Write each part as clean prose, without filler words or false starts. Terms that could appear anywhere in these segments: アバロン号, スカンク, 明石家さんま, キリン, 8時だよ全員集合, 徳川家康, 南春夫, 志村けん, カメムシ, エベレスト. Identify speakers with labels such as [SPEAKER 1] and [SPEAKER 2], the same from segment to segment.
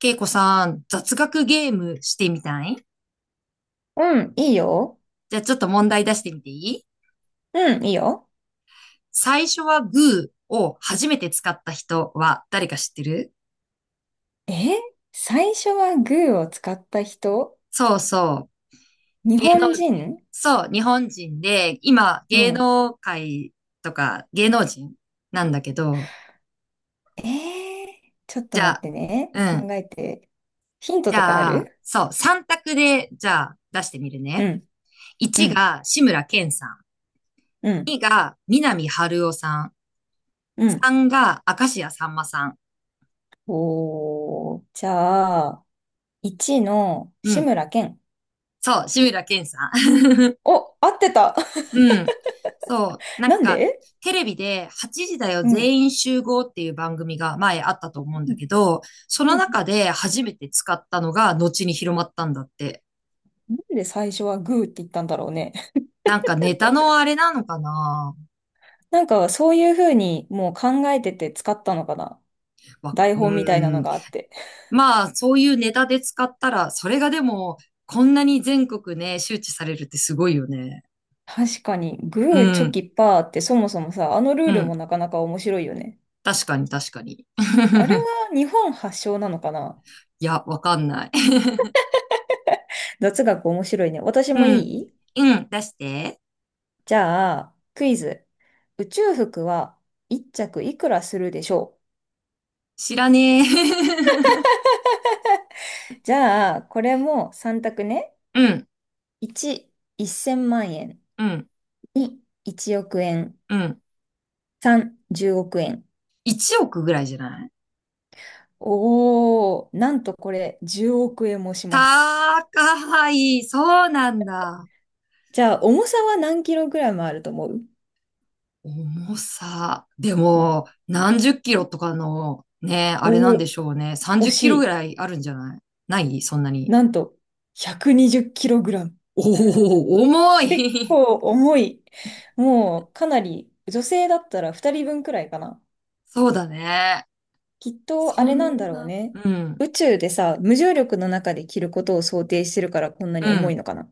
[SPEAKER 1] けいこさん、雑学ゲームしてみたい？
[SPEAKER 2] うん、いいよ。
[SPEAKER 1] じゃあちょっと問題出してみていい？
[SPEAKER 2] うん、いいよ。
[SPEAKER 1] 最初はグーを初めて使った人は誰か知ってる？
[SPEAKER 2] え？最初はグーを使った人？
[SPEAKER 1] そうそう。
[SPEAKER 2] 日
[SPEAKER 1] 芸能、
[SPEAKER 2] 本人？
[SPEAKER 1] そう、日本人で、今、
[SPEAKER 2] う
[SPEAKER 1] 芸
[SPEAKER 2] ん。
[SPEAKER 1] 能界とか芸能人なんだけど、
[SPEAKER 2] ちょっ
[SPEAKER 1] じ
[SPEAKER 2] と
[SPEAKER 1] ゃ
[SPEAKER 2] 待っ
[SPEAKER 1] あ、
[SPEAKER 2] てね。
[SPEAKER 1] う
[SPEAKER 2] 考
[SPEAKER 1] ん。
[SPEAKER 2] えて。ヒント
[SPEAKER 1] じ
[SPEAKER 2] とかあ
[SPEAKER 1] ゃあ、
[SPEAKER 2] る？
[SPEAKER 1] そう、3択で、じゃあ、出してみる
[SPEAKER 2] う
[SPEAKER 1] ね。
[SPEAKER 2] ん、う
[SPEAKER 1] 1
[SPEAKER 2] ん、
[SPEAKER 1] が志村けんさん。
[SPEAKER 2] うん、
[SPEAKER 1] 2が南春夫さん。
[SPEAKER 2] うん。
[SPEAKER 1] 3が明石家さんまさん。
[SPEAKER 2] おー、じゃあ、1の
[SPEAKER 1] う
[SPEAKER 2] 志
[SPEAKER 1] ん。
[SPEAKER 2] 村けん。
[SPEAKER 1] そう、志村けんさん。
[SPEAKER 2] お、合ってた？
[SPEAKER 1] うん。そう、な
[SPEAKER 2] な
[SPEAKER 1] ん
[SPEAKER 2] ん
[SPEAKER 1] か、
[SPEAKER 2] で？
[SPEAKER 1] テレビで8時だよ
[SPEAKER 2] うん。
[SPEAKER 1] 全員集合っていう番組が前あったと思うん
[SPEAKER 2] う
[SPEAKER 1] だ
[SPEAKER 2] ん
[SPEAKER 1] けど、そ
[SPEAKER 2] う
[SPEAKER 1] の
[SPEAKER 2] ん。
[SPEAKER 1] 中で初めて使ったのが後に広まったんだって。
[SPEAKER 2] なんで最初はグーって言ったんだろうね。
[SPEAKER 1] なんかネタのあれなのかな？
[SPEAKER 2] なんかそういうふうにもう考えてて使ったのかな。台
[SPEAKER 1] う
[SPEAKER 2] 本みたいな
[SPEAKER 1] ー
[SPEAKER 2] の
[SPEAKER 1] ん。
[SPEAKER 2] があって。
[SPEAKER 1] まあ、そういうネタで使ったら、それがでも、こんなに全国ね、周知されるってすごいよね。
[SPEAKER 2] 確かに、
[SPEAKER 1] う
[SPEAKER 2] グー、チョ
[SPEAKER 1] ん、
[SPEAKER 2] キ、パーってそもそもさ、あのルー
[SPEAKER 1] う
[SPEAKER 2] ルも
[SPEAKER 1] ん。
[SPEAKER 2] なかなか面白いよね。
[SPEAKER 1] 確かに確かに。
[SPEAKER 2] あれ は日本発祥なのかな？
[SPEAKER 1] いや、わかんない。
[SPEAKER 2] 雑学面白いね。私も
[SPEAKER 1] う
[SPEAKER 2] い
[SPEAKER 1] ん。
[SPEAKER 2] い？
[SPEAKER 1] うん、出して。
[SPEAKER 2] じゃあ、クイズ。宇宙服は1着いくらするでしょう？
[SPEAKER 1] 知らねえ。
[SPEAKER 2] じゃあ、これも3択ね。
[SPEAKER 1] うん、
[SPEAKER 2] 1、1000万円。
[SPEAKER 1] うん、
[SPEAKER 2] 2、1億円。
[SPEAKER 1] うん。
[SPEAKER 2] 3、10億円。
[SPEAKER 1] 1億ぐらいじゃない？
[SPEAKER 2] おー、なんとこれ10億円もします。
[SPEAKER 1] 高い。そうなんだ。
[SPEAKER 2] じゃあ、重さは何キログラムあると思う？
[SPEAKER 1] 重さ。で
[SPEAKER 2] うん。
[SPEAKER 1] も、何十キロとかの、ね、あれなん
[SPEAKER 2] お
[SPEAKER 1] で
[SPEAKER 2] お、
[SPEAKER 1] しょうね。
[SPEAKER 2] 惜
[SPEAKER 1] 30キ
[SPEAKER 2] し
[SPEAKER 1] ロぐ
[SPEAKER 2] い。
[SPEAKER 1] らいあるんじゃない？ないそんなに。
[SPEAKER 2] なんと、120キログラム。
[SPEAKER 1] おお、重
[SPEAKER 2] 結
[SPEAKER 1] い。
[SPEAKER 2] 構重い。もう、かなり、女性だったら2人分くらいかな。
[SPEAKER 1] そうだね。
[SPEAKER 2] きっと、あ
[SPEAKER 1] そ
[SPEAKER 2] れなんだ
[SPEAKER 1] ん
[SPEAKER 2] ろう
[SPEAKER 1] な、
[SPEAKER 2] ね。
[SPEAKER 1] うん、
[SPEAKER 2] 宇宙でさ、無重力の中で着ることを想定してるからこんなに
[SPEAKER 1] う
[SPEAKER 2] 重い
[SPEAKER 1] ん。
[SPEAKER 2] のかな。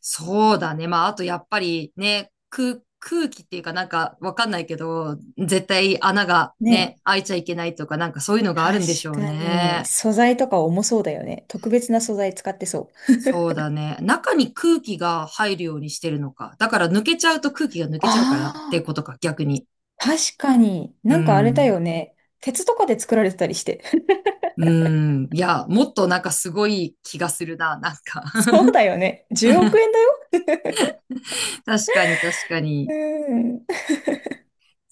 [SPEAKER 1] そうだね。まあ、あとやっぱりね、空気っていうかなんかわかんないけど、絶対穴が
[SPEAKER 2] ね
[SPEAKER 1] ね、
[SPEAKER 2] え。
[SPEAKER 1] 開いちゃいけないとかなんかそういうのがあるんでしょう
[SPEAKER 2] 確かに、
[SPEAKER 1] ね。
[SPEAKER 2] 素材とか重そうだよね。特別な素材使ってそう。
[SPEAKER 1] そうだね。中に空気が入るようにしてるのか。だから抜けちゃうと空気が抜け
[SPEAKER 2] あ
[SPEAKER 1] ちゃうからって
[SPEAKER 2] あ、
[SPEAKER 1] ことか、逆に。
[SPEAKER 2] 確かに。
[SPEAKER 1] う
[SPEAKER 2] なんかあれだ
[SPEAKER 1] ん。
[SPEAKER 2] よね。鉄とかで作られてたりして。
[SPEAKER 1] うん。いや、もっとなんかすごい気がするな、なんか。
[SPEAKER 2] そうだよね。10億円だよ。
[SPEAKER 1] 確かに確かに。
[SPEAKER 2] うーん。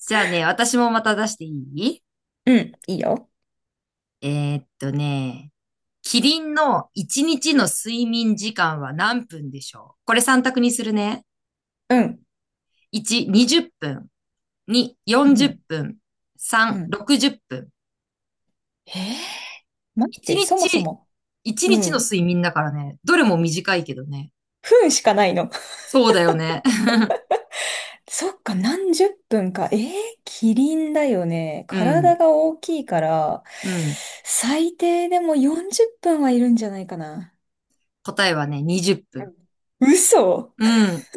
[SPEAKER 1] じゃあね、私もまた出していい？
[SPEAKER 2] うん、いいよ。
[SPEAKER 1] ね、キリンの1日
[SPEAKER 2] う
[SPEAKER 1] の
[SPEAKER 2] ん
[SPEAKER 1] 睡眠時間は何分でしょう？これ3択にするね。
[SPEAKER 2] うん。
[SPEAKER 1] 1、20分。2、
[SPEAKER 2] う
[SPEAKER 1] 40
[SPEAKER 2] ん。
[SPEAKER 1] 分。
[SPEAKER 2] う
[SPEAKER 1] 3、
[SPEAKER 2] ん。
[SPEAKER 1] 60分。
[SPEAKER 2] えー待っ
[SPEAKER 1] 1
[SPEAKER 2] て、そもそ
[SPEAKER 1] 日、
[SPEAKER 2] も、
[SPEAKER 1] 一
[SPEAKER 2] う
[SPEAKER 1] 日の
[SPEAKER 2] ん。
[SPEAKER 1] 睡眠だからね。どれも短いけどね。
[SPEAKER 2] 分しかないの？
[SPEAKER 1] そうだよね。
[SPEAKER 2] そっか、何十分か。キリンだよね。
[SPEAKER 1] う
[SPEAKER 2] 体
[SPEAKER 1] ん。
[SPEAKER 2] が大きいから、
[SPEAKER 1] うん。
[SPEAKER 2] 最低でも40分はいるんじゃないかな。
[SPEAKER 1] 答えはね、20
[SPEAKER 2] う
[SPEAKER 1] 分。
[SPEAKER 2] ん嘘？
[SPEAKER 1] うん。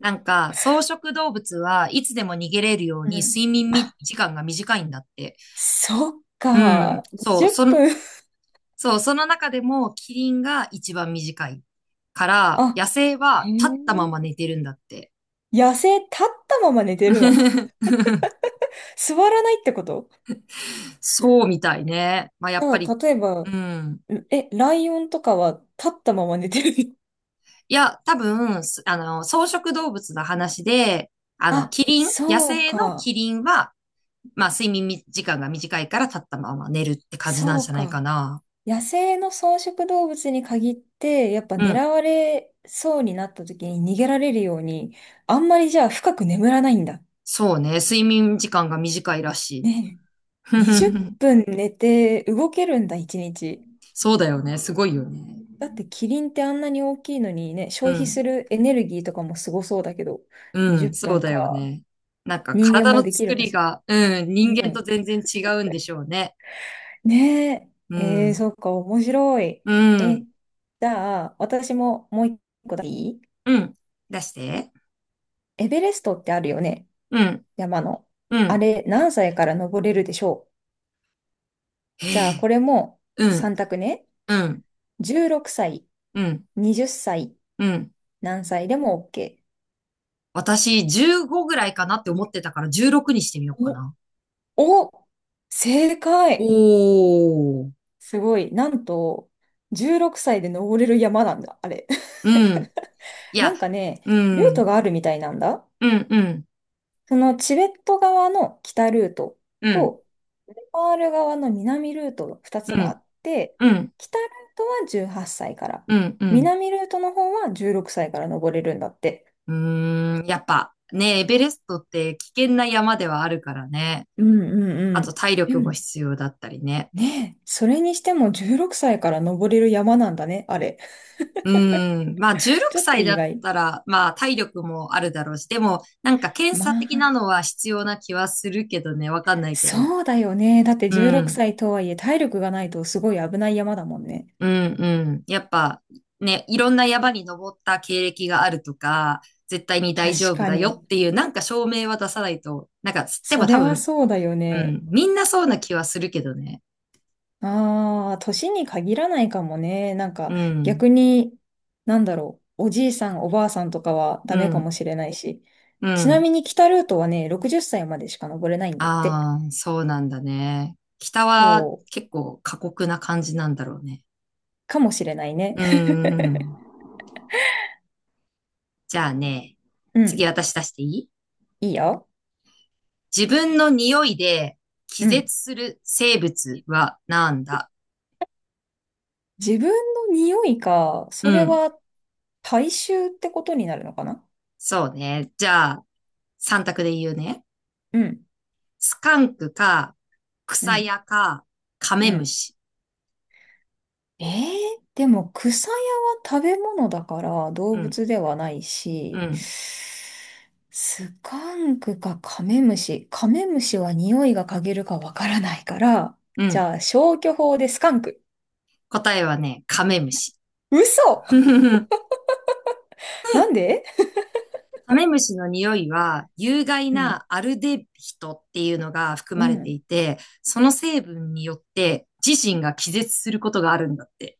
[SPEAKER 1] なんか、草食動物はいつでも逃げれるよう
[SPEAKER 2] う
[SPEAKER 1] に
[SPEAKER 2] ん。
[SPEAKER 1] 睡眠み
[SPEAKER 2] あ、
[SPEAKER 1] 時間が短いんだって。
[SPEAKER 2] そっ
[SPEAKER 1] うん。
[SPEAKER 2] か。
[SPEAKER 1] そう。
[SPEAKER 2] 20分。
[SPEAKER 1] そう、その中でもキリンが一番短いから、野
[SPEAKER 2] あ、
[SPEAKER 1] 生
[SPEAKER 2] へ
[SPEAKER 1] は立ったま
[SPEAKER 2] え。
[SPEAKER 1] ま寝てるんだって。
[SPEAKER 2] 野生立ったまま寝てるの？座らないってこと？
[SPEAKER 1] そうみたいね。まあ、やっぱ
[SPEAKER 2] だか
[SPEAKER 1] り、
[SPEAKER 2] ら例え
[SPEAKER 1] う
[SPEAKER 2] ば、
[SPEAKER 1] ん。
[SPEAKER 2] え、ライオンとかは立ったまま寝てる？
[SPEAKER 1] いや、多分、あの、草食動物の話で、あの、
[SPEAKER 2] あ、
[SPEAKER 1] キリン、野
[SPEAKER 2] そう
[SPEAKER 1] 生の
[SPEAKER 2] か、
[SPEAKER 1] キリンは、まあ、睡眠み時間が短いから立ったまま寝るって感じなん
[SPEAKER 2] そ
[SPEAKER 1] じ
[SPEAKER 2] う
[SPEAKER 1] ゃないか
[SPEAKER 2] か。
[SPEAKER 1] な。
[SPEAKER 2] 野生の草食動物に限って、やっぱ
[SPEAKER 1] う
[SPEAKER 2] 狙
[SPEAKER 1] ん。
[SPEAKER 2] われそうになった時に逃げられるように、あんまりじゃあ深く眠らないんだ。
[SPEAKER 1] そうね。睡眠時間が短いらし
[SPEAKER 2] ね
[SPEAKER 1] い。
[SPEAKER 2] え、20 分寝て動けるんだ、1日。
[SPEAKER 1] そうだよね。すごいよね。
[SPEAKER 2] だってキリンってあんなに大きいのにね、
[SPEAKER 1] う
[SPEAKER 2] 消費す
[SPEAKER 1] ん。
[SPEAKER 2] るエネルギーとかもすごそうだけど、
[SPEAKER 1] う
[SPEAKER 2] 20
[SPEAKER 1] ん、そう
[SPEAKER 2] 分
[SPEAKER 1] だよ
[SPEAKER 2] か。
[SPEAKER 1] ね。なんか
[SPEAKER 2] 人間
[SPEAKER 1] 体
[SPEAKER 2] も
[SPEAKER 1] の
[SPEAKER 2] でき
[SPEAKER 1] 作
[SPEAKER 2] るか
[SPEAKER 1] り
[SPEAKER 2] しら。
[SPEAKER 1] が、うん、人間と全然違うんでしょうね。
[SPEAKER 2] ね
[SPEAKER 1] う
[SPEAKER 2] え、
[SPEAKER 1] ん、
[SPEAKER 2] そっか、面白い。
[SPEAKER 1] う
[SPEAKER 2] え、
[SPEAKER 1] ん、
[SPEAKER 2] じゃあ、私ももう一個だけいい？
[SPEAKER 1] うん。出して。
[SPEAKER 2] エベレストってあるよね、
[SPEAKER 1] うん、
[SPEAKER 2] 山の。
[SPEAKER 1] う
[SPEAKER 2] あ
[SPEAKER 1] ん。
[SPEAKER 2] れ、何歳から登れるでしょう？
[SPEAKER 1] へ
[SPEAKER 2] じゃあ、
[SPEAKER 1] え、
[SPEAKER 2] これも
[SPEAKER 1] うん、
[SPEAKER 2] 3択ね。
[SPEAKER 1] うん、
[SPEAKER 2] 16歳、
[SPEAKER 1] うん、
[SPEAKER 2] 20歳、
[SPEAKER 1] うん。
[SPEAKER 2] 何歳でも OK。
[SPEAKER 1] 私、15ぐらいかなって思ってたから16にしてみようか
[SPEAKER 2] お、
[SPEAKER 1] な。
[SPEAKER 2] お、正
[SPEAKER 1] お
[SPEAKER 2] 解？
[SPEAKER 1] ー。
[SPEAKER 2] すごい。なんと、16歳で登れる山なんだ、あれ。
[SPEAKER 1] うん。い
[SPEAKER 2] な
[SPEAKER 1] や、
[SPEAKER 2] んかね、
[SPEAKER 1] う
[SPEAKER 2] ルート
[SPEAKER 1] ん、
[SPEAKER 2] があるみたいなんだ。
[SPEAKER 1] うん、うん、
[SPEAKER 2] そのチベット側の北ルート
[SPEAKER 1] うん、
[SPEAKER 2] と、ネパール側の南ルートの2つ
[SPEAKER 1] う
[SPEAKER 2] があ
[SPEAKER 1] ん、
[SPEAKER 2] って、
[SPEAKER 1] うん、
[SPEAKER 2] 北ルートは18歳から、
[SPEAKER 1] うん、うん。
[SPEAKER 2] 南ルートの方は16歳から登れるんだって。
[SPEAKER 1] うーん、やっぱね、エベレストって危険な山ではあるからね。
[SPEAKER 2] うんうん
[SPEAKER 1] あ
[SPEAKER 2] う
[SPEAKER 1] と
[SPEAKER 2] ん。
[SPEAKER 1] 体
[SPEAKER 2] で
[SPEAKER 1] 力も
[SPEAKER 2] も
[SPEAKER 1] 必要だったりね。
[SPEAKER 2] ねそれにしても16歳から登れる山なんだね、あれ。
[SPEAKER 1] うん。まあ 16
[SPEAKER 2] ちょっと
[SPEAKER 1] 歳だ
[SPEAKER 2] 意
[SPEAKER 1] っ
[SPEAKER 2] 外。
[SPEAKER 1] たら、まあ体力もあるだろうし、でもなんか検
[SPEAKER 2] ま
[SPEAKER 1] 査的な
[SPEAKER 2] あ、
[SPEAKER 1] のは必要な気はするけどね、わかんないけど。
[SPEAKER 2] そうだよね。だって
[SPEAKER 1] う
[SPEAKER 2] 16
[SPEAKER 1] ん。
[SPEAKER 2] 歳とはいえ体力がないとすごい危ない山だもんね。
[SPEAKER 1] うんうん。やっぱね、いろんな山に登った経歴があるとか、絶対に大丈
[SPEAKER 2] 確
[SPEAKER 1] 夫
[SPEAKER 2] か
[SPEAKER 1] だよっ
[SPEAKER 2] に。
[SPEAKER 1] ていうなんか証明は出さないと、なんか、で
[SPEAKER 2] そ
[SPEAKER 1] も多
[SPEAKER 2] れは
[SPEAKER 1] 分、
[SPEAKER 2] そうだよ
[SPEAKER 1] う
[SPEAKER 2] ね。
[SPEAKER 1] ん。みんなそうな気はするけどね。
[SPEAKER 2] ああ、年に限らないかもね。なん
[SPEAKER 1] う
[SPEAKER 2] か
[SPEAKER 1] ん。
[SPEAKER 2] 逆に、なんだろう、おじいさん、おばあさんとかは
[SPEAKER 1] う
[SPEAKER 2] ダメか
[SPEAKER 1] ん。
[SPEAKER 2] もしれないし。
[SPEAKER 1] う
[SPEAKER 2] ちな
[SPEAKER 1] ん。
[SPEAKER 2] みに北ルートはね、60歳までしか登れないんだって。
[SPEAKER 1] ああ、そうなんだね。北は
[SPEAKER 2] そう、
[SPEAKER 1] 結構過酷な感じなんだろうね。
[SPEAKER 2] かもしれないね。
[SPEAKER 1] うーんうん。じゃあね、
[SPEAKER 2] う
[SPEAKER 1] 次
[SPEAKER 2] ん、
[SPEAKER 1] 私出していい？
[SPEAKER 2] いいよ。
[SPEAKER 1] 自分の匂いで気
[SPEAKER 2] うん。
[SPEAKER 1] 絶する生物はなんだ？
[SPEAKER 2] 自分の匂いか、
[SPEAKER 1] う
[SPEAKER 2] それ
[SPEAKER 1] ん。
[SPEAKER 2] は体臭ってことになるのかな？
[SPEAKER 1] そうね。じゃあ、三択で言うね。
[SPEAKER 2] うん、
[SPEAKER 1] スカンクか、
[SPEAKER 2] う
[SPEAKER 1] 草
[SPEAKER 2] ん、
[SPEAKER 1] 屋か、カ
[SPEAKER 2] う
[SPEAKER 1] メム
[SPEAKER 2] ん。
[SPEAKER 1] シ。
[SPEAKER 2] えー、でも草屋は食べ物だから動
[SPEAKER 1] うん、
[SPEAKER 2] 物ではない
[SPEAKER 1] う
[SPEAKER 2] し、
[SPEAKER 1] ん、
[SPEAKER 2] スカンクかカメムシ。カメムシは匂いが嗅げるかわからないから、
[SPEAKER 1] う
[SPEAKER 2] じ
[SPEAKER 1] ん。
[SPEAKER 2] ゃあ消去法でスカンク。
[SPEAKER 1] 答えはね、カメムシ。
[SPEAKER 2] 嘘？ なんで？
[SPEAKER 1] カメムシの匂いは、有害
[SPEAKER 2] うん、
[SPEAKER 1] なアルデヒドっていうのが含
[SPEAKER 2] う
[SPEAKER 1] まれて
[SPEAKER 2] ん。
[SPEAKER 1] いて、その成分によって自身が気絶することがあるんだって。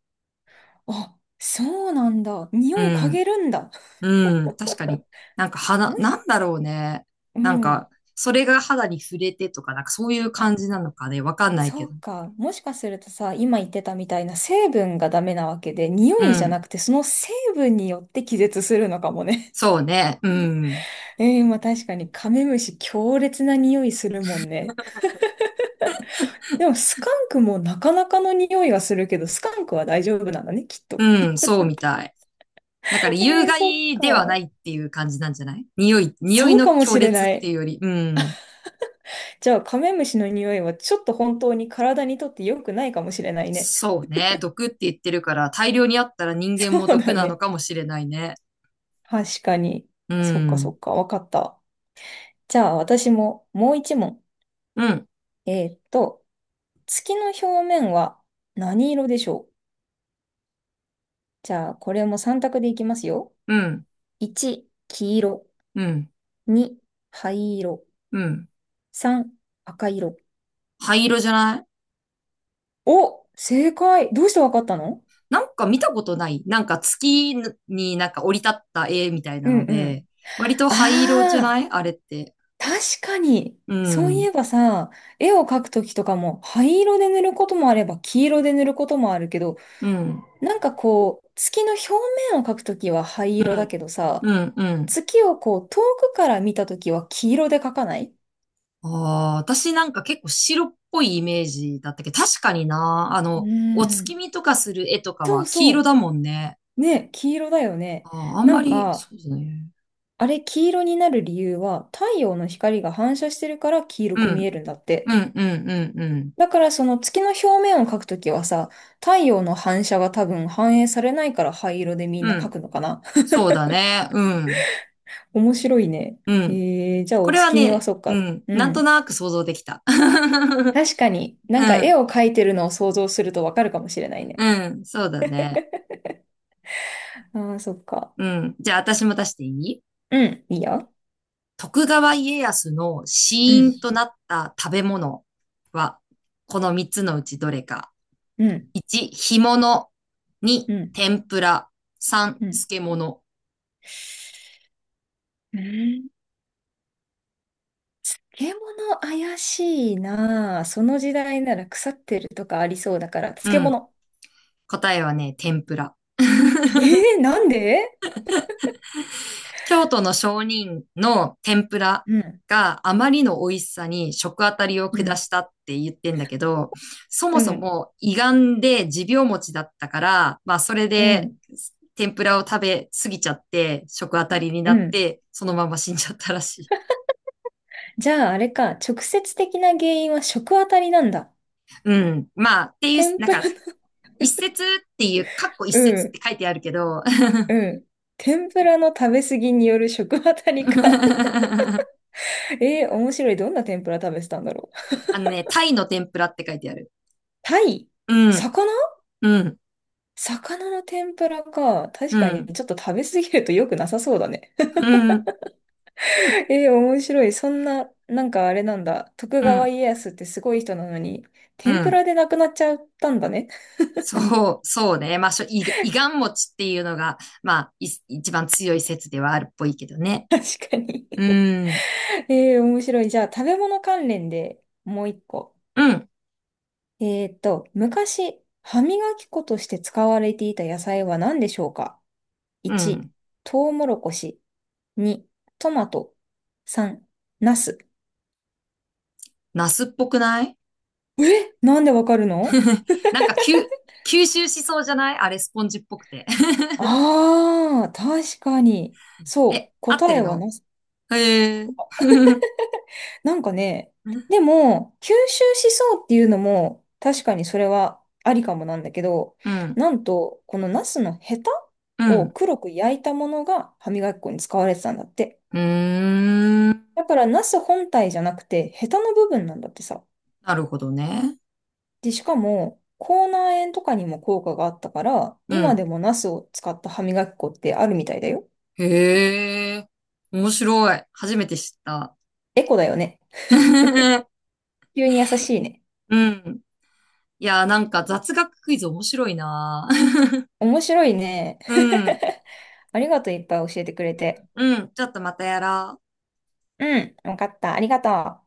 [SPEAKER 2] あ、そうなんだ。
[SPEAKER 1] う
[SPEAKER 2] 匂い嗅
[SPEAKER 1] ん。
[SPEAKER 2] げるんだ。
[SPEAKER 1] うん。確かに。なんか肌、
[SPEAKER 2] もし、
[SPEAKER 1] なんだろうね。
[SPEAKER 2] う
[SPEAKER 1] なん
[SPEAKER 2] ん。
[SPEAKER 1] か、それが肌に触れてとか、なんかそういう
[SPEAKER 2] あ、
[SPEAKER 1] 感じなのかね。わかんない
[SPEAKER 2] そ
[SPEAKER 1] け
[SPEAKER 2] う
[SPEAKER 1] ど。
[SPEAKER 2] か。もしかするとさ、今言ってたみたいな成分がダメなわけで、匂
[SPEAKER 1] う
[SPEAKER 2] いじゃ
[SPEAKER 1] ん。
[SPEAKER 2] なくてその成分によって気絶するのかもね。
[SPEAKER 1] そうね。うん。
[SPEAKER 2] まあ確かにカメムシ強烈な匂いするもんね。でもスカンクもなかなかの匂いはするけど、スカンクは大丈夫なんだね、きっと。
[SPEAKER 1] うん。そうみたい。だから 有
[SPEAKER 2] そっ
[SPEAKER 1] 害ではな
[SPEAKER 2] か。
[SPEAKER 1] いっていう感じなんじゃない？匂い
[SPEAKER 2] そうか
[SPEAKER 1] の
[SPEAKER 2] も
[SPEAKER 1] 強
[SPEAKER 2] しれ
[SPEAKER 1] 烈っ
[SPEAKER 2] な
[SPEAKER 1] てい
[SPEAKER 2] い。
[SPEAKER 1] うより。うん。
[SPEAKER 2] じゃあカメムシの匂いはちょっと本当に体にとって良くないかもしれないね。
[SPEAKER 1] そうね。毒って言ってるから、大量にあったら人 間
[SPEAKER 2] そう
[SPEAKER 1] も毒
[SPEAKER 2] だ
[SPEAKER 1] なの
[SPEAKER 2] ね。
[SPEAKER 1] かもしれないね。
[SPEAKER 2] 確かに。
[SPEAKER 1] う
[SPEAKER 2] そっかそ
[SPEAKER 1] ん。
[SPEAKER 2] っか、わかった。じゃあ私ももう一問。
[SPEAKER 1] うん。
[SPEAKER 2] えーっと、月の表面は何色でしょう？じゃあこれも3択でいきますよ。
[SPEAKER 1] うん。
[SPEAKER 2] 1、黄色。
[SPEAKER 1] うん。
[SPEAKER 2] 2、灰色。
[SPEAKER 1] うん。
[SPEAKER 2] 3、赤色。
[SPEAKER 1] 灰色じゃない？
[SPEAKER 2] お、正解。どうしてわかったの？
[SPEAKER 1] なんか見たことない。なんか月になんか降り立った絵みたいな
[SPEAKER 2] う
[SPEAKER 1] の
[SPEAKER 2] んう
[SPEAKER 1] で、
[SPEAKER 2] ん。
[SPEAKER 1] 割と灰色じゃな
[SPEAKER 2] ああ、
[SPEAKER 1] いあれって。
[SPEAKER 2] 確かに。
[SPEAKER 1] う
[SPEAKER 2] そうい
[SPEAKER 1] ん。
[SPEAKER 2] えばさ、絵を描くときとかも灰色で塗ることもあれば黄色で塗ることもあるけど、
[SPEAKER 1] うん。
[SPEAKER 2] なんかこう、月の表面を描くときは灰色だけど
[SPEAKER 1] う
[SPEAKER 2] さ、
[SPEAKER 1] ん。うん。
[SPEAKER 2] 月をこう遠くから見たときは黄色で描かない？
[SPEAKER 1] ああ、私なんか結構白っぽいイメージだったけど、確かにな。あ
[SPEAKER 2] う
[SPEAKER 1] の、お
[SPEAKER 2] ー
[SPEAKER 1] 月
[SPEAKER 2] ん。
[SPEAKER 1] 見とかする絵とか
[SPEAKER 2] そ
[SPEAKER 1] は
[SPEAKER 2] う
[SPEAKER 1] 黄色
[SPEAKER 2] そ
[SPEAKER 1] だもんね。
[SPEAKER 2] う。ね、黄色だよね。
[SPEAKER 1] ああ、あん
[SPEAKER 2] な
[SPEAKER 1] ま
[SPEAKER 2] ん
[SPEAKER 1] り、そ
[SPEAKER 2] か、
[SPEAKER 1] うですね。
[SPEAKER 2] あれ、黄色になる理由は、太陽の光が反射してるから黄色
[SPEAKER 1] う
[SPEAKER 2] く見え
[SPEAKER 1] ん。
[SPEAKER 2] るんだって。
[SPEAKER 1] うん、うん、うん、うん。
[SPEAKER 2] だからその月の表面を描くときはさ、太陽の反射が多分反映されないから灰色でみん
[SPEAKER 1] う
[SPEAKER 2] な描
[SPEAKER 1] ん。
[SPEAKER 2] くのかな。
[SPEAKER 1] そうだね。うん。
[SPEAKER 2] 面白いね。
[SPEAKER 1] うん。
[SPEAKER 2] じゃあ
[SPEAKER 1] こ
[SPEAKER 2] お
[SPEAKER 1] れは
[SPEAKER 2] 月見は
[SPEAKER 1] ね、
[SPEAKER 2] そっ
[SPEAKER 1] う
[SPEAKER 2] か。
[SPEAKER 1] ん。
[SPEAKER 2] う
[SPEAKER 1] なんと
[SPEAKER 2] ん。
[SPEAKER 1] なく想像できた。
[SPEAKER 2] 確かに、な
[SPEAKER 1] う
[SPEAKER 2] んか絵
[SPEAKER 1] ん。
[SPEAKER 2] を描いてるのを想像するとわかるかもしれないね。
[SPEAKER 1] うん。そうだね。
[SPEAKER 2] あー、そっか。
[SPEAKER 1] うん。じゃあ私も出していい？
[SPEAKER 2] うん、いいよ。
[SPEAKER 1] 徳川家康の死
[SPEAKER 2] うん、
[SPEAKER 1] 因となった食べ物は、この3つのうちどれか。
[SPEAKER 2] うん、
[SPEAKER 1] 1、干物。2、
[SPEAKER 2] うん、
[SPEAKER 1] 天ぷら。3、
[SPEAKER 2] うん。
[SPEAKER 1] 漬物。
[SPEAKER 2] うん。漬物怪しいなぁ。その時代なら腐ってるとかありそうだから、
[SPEAKER 1] う
[SPEAKER 2] 漬
[SPEAKER 1] ん。
[SPEAKER 2] 物。
[SPEAKER 1] 答えはね、天ぷら。
[SPEAKER 2] えなんで？
[SPEAKER 1] 京都の商人の天ぷら
[SPEAKER 2] うん、
[SPEAKER 1] があまりの美味しさに食あたりを
[SPEAKER 2] う
[SPEAKER 1] 下
[SPEAKER 2] ん、
[SPEAKER 1] したって言ってんだけど、そも
[SPEAKER 2] う
[SPEAKER 1] そ
[SPEAKER 2] ん、
[SPEAKER 1] も胃がんで持病持ちだったから、まあそれ
[SPEAKER 2] う
[SPEAKER 1] で
[SPEAKER 2] ん、
[SPEAKER 1] 天ぷらを食べ過ぎちゃって食あたりに
[SPEAKER 2] う
[SPEAKER 1] なっ
[SPEAKER 2] ん。
[SPEAKER 1] て、そのまま死んじゃったらしい。
[SPEAKER 2] じゃああれか、直接的な原因は食あたりなんだ。
[SPEAKER 1] うん。まあっていう、
[SPEAKER 2] 天
[SPEAKER 1] なん
[SPEAKER 2] ぷら、
[SPEAKER 1] か一節っていう、かっこ 一
[SPEAKER 2] う
[SPEAKER 1] 節っ
[SPEAKER 2] ん、
[SPEAKER 1] て書いてあるけど、
[SPEAKER 2] うん。天ぷらの食べ過ぎによる食あたりか。面白い。どんな天ぷら食べてたんだろう。
[SPEAKER 1] あのね、タイの天ぷらって書いてある。
[SPEAKER 2] タイ？
[SPEAKER 1] うん、
[SPEAKER 2] 魚？
[SPEAKER 1] うん、
[SPEAKER 2] 魚の天ぷらか。
[SPEAKER 1] う
[SPEAKER 2] 確かに
[SPEAKER 1] ん、
[SPEAKER 2] ちょっと食べ過ぎると良くなさそうだね。
[SPEAKER 1] うん、うん、
[SPEAKER 2] 面白い。そんな、なんかあれなんだ。徳
[SPEAKER 1] う
[SPEAKER 2] 川
[SPEAKER 1] ん。
[SPEAKER 2] 家康ってすごい人なのに、
[SPEAKER 1] う
[SPEAKER 2] 天ぷ
[SPEAKER 1] ん
[SPEAKER 2] らで亡くなっちゃったんだね。
[SPEAKER 1] そう、そうね。まあ、しょ、い、いがん餅っていうのが、まあ、一番強い説ではあるっぽいけどね。
[SPEAKER 2] 確かに。
[SPEAKER 1] うん、
[SPEAKER 2] 面白い。じゃあ、食べ物関連でもう一個。
[SPEAKER 1] うん、
[SPEAKER 2] 昔、歯磨き粉として使われていた野菜は何でしょうか？
[SPEAKER 1] う
[SPEAKER 2] 1、
[SPEAKER 1] ん。
[SPEAKER 2] トウモロコシ。2、トマト。3、ナス。
[SPEAKER 1] ナスっぽくない？
[SPEAKER 2] なんでわかるの？
[SPEAKER 1] なんか、吸収しそうじゃないあれ、スポンジっぽくて。
[SPEAKER 2] ああー、確かに。そ
[SPEAKER 1] え、
[SPEAKER 2] う。
[SPEAKER 1] 合って
[SPEAKER 2] 答
[SPEAKER 1] る
[SPEAKER 2] えは
[SPEAKER 1] の？
[SPEAKER 2] ナス。
[SPEAKER 1] へえ。うん、
[SPEAKER 2] なんかね、でも、吸収しそうっていうのも、確かにそれはありかもなんだけど、
[SPEAKER 1] う
[SPEAKER 2] なんと、このナスのヘタを
[SPEAKER 1] ん。
[SPEAKER 2] 黒く焼いたものが歯磨き粉に使われてたんだって。
[SPEAKER 1] うーん。
[SPEAKER 2] だから、ナス本体じゃなくて、ヘタの部分なんだってさ。
[SPEAKER 1] なるほどね。
[SPEAKER 2] で、しかも、口内炎とかにも効果があったから、
[SPEAKER 1] う
[SPEAKER 2] 今で
[SPEAKER 1] ん。
[SPEAKER 2] もナスを使った歯磨き粉ってあるみたいだよ。
[SPEAKER 1] へえ。面白い。初めて知った。
[SPEAKER 2] エコだよね。急に優しいね。
[SPEAKER 1] うん。いやー、なんか雑学クイズ面白いなー。
[SPEAKER 2] 面白いね。
[SPEAKER 1] うん。
[SPEAKER 2] ありがとう、いっぱい教えてくれて。
[SPEAKER 1] うん。ちょっとまたやろう。
[SPEAKER 2] うん、わかった。ありがとう。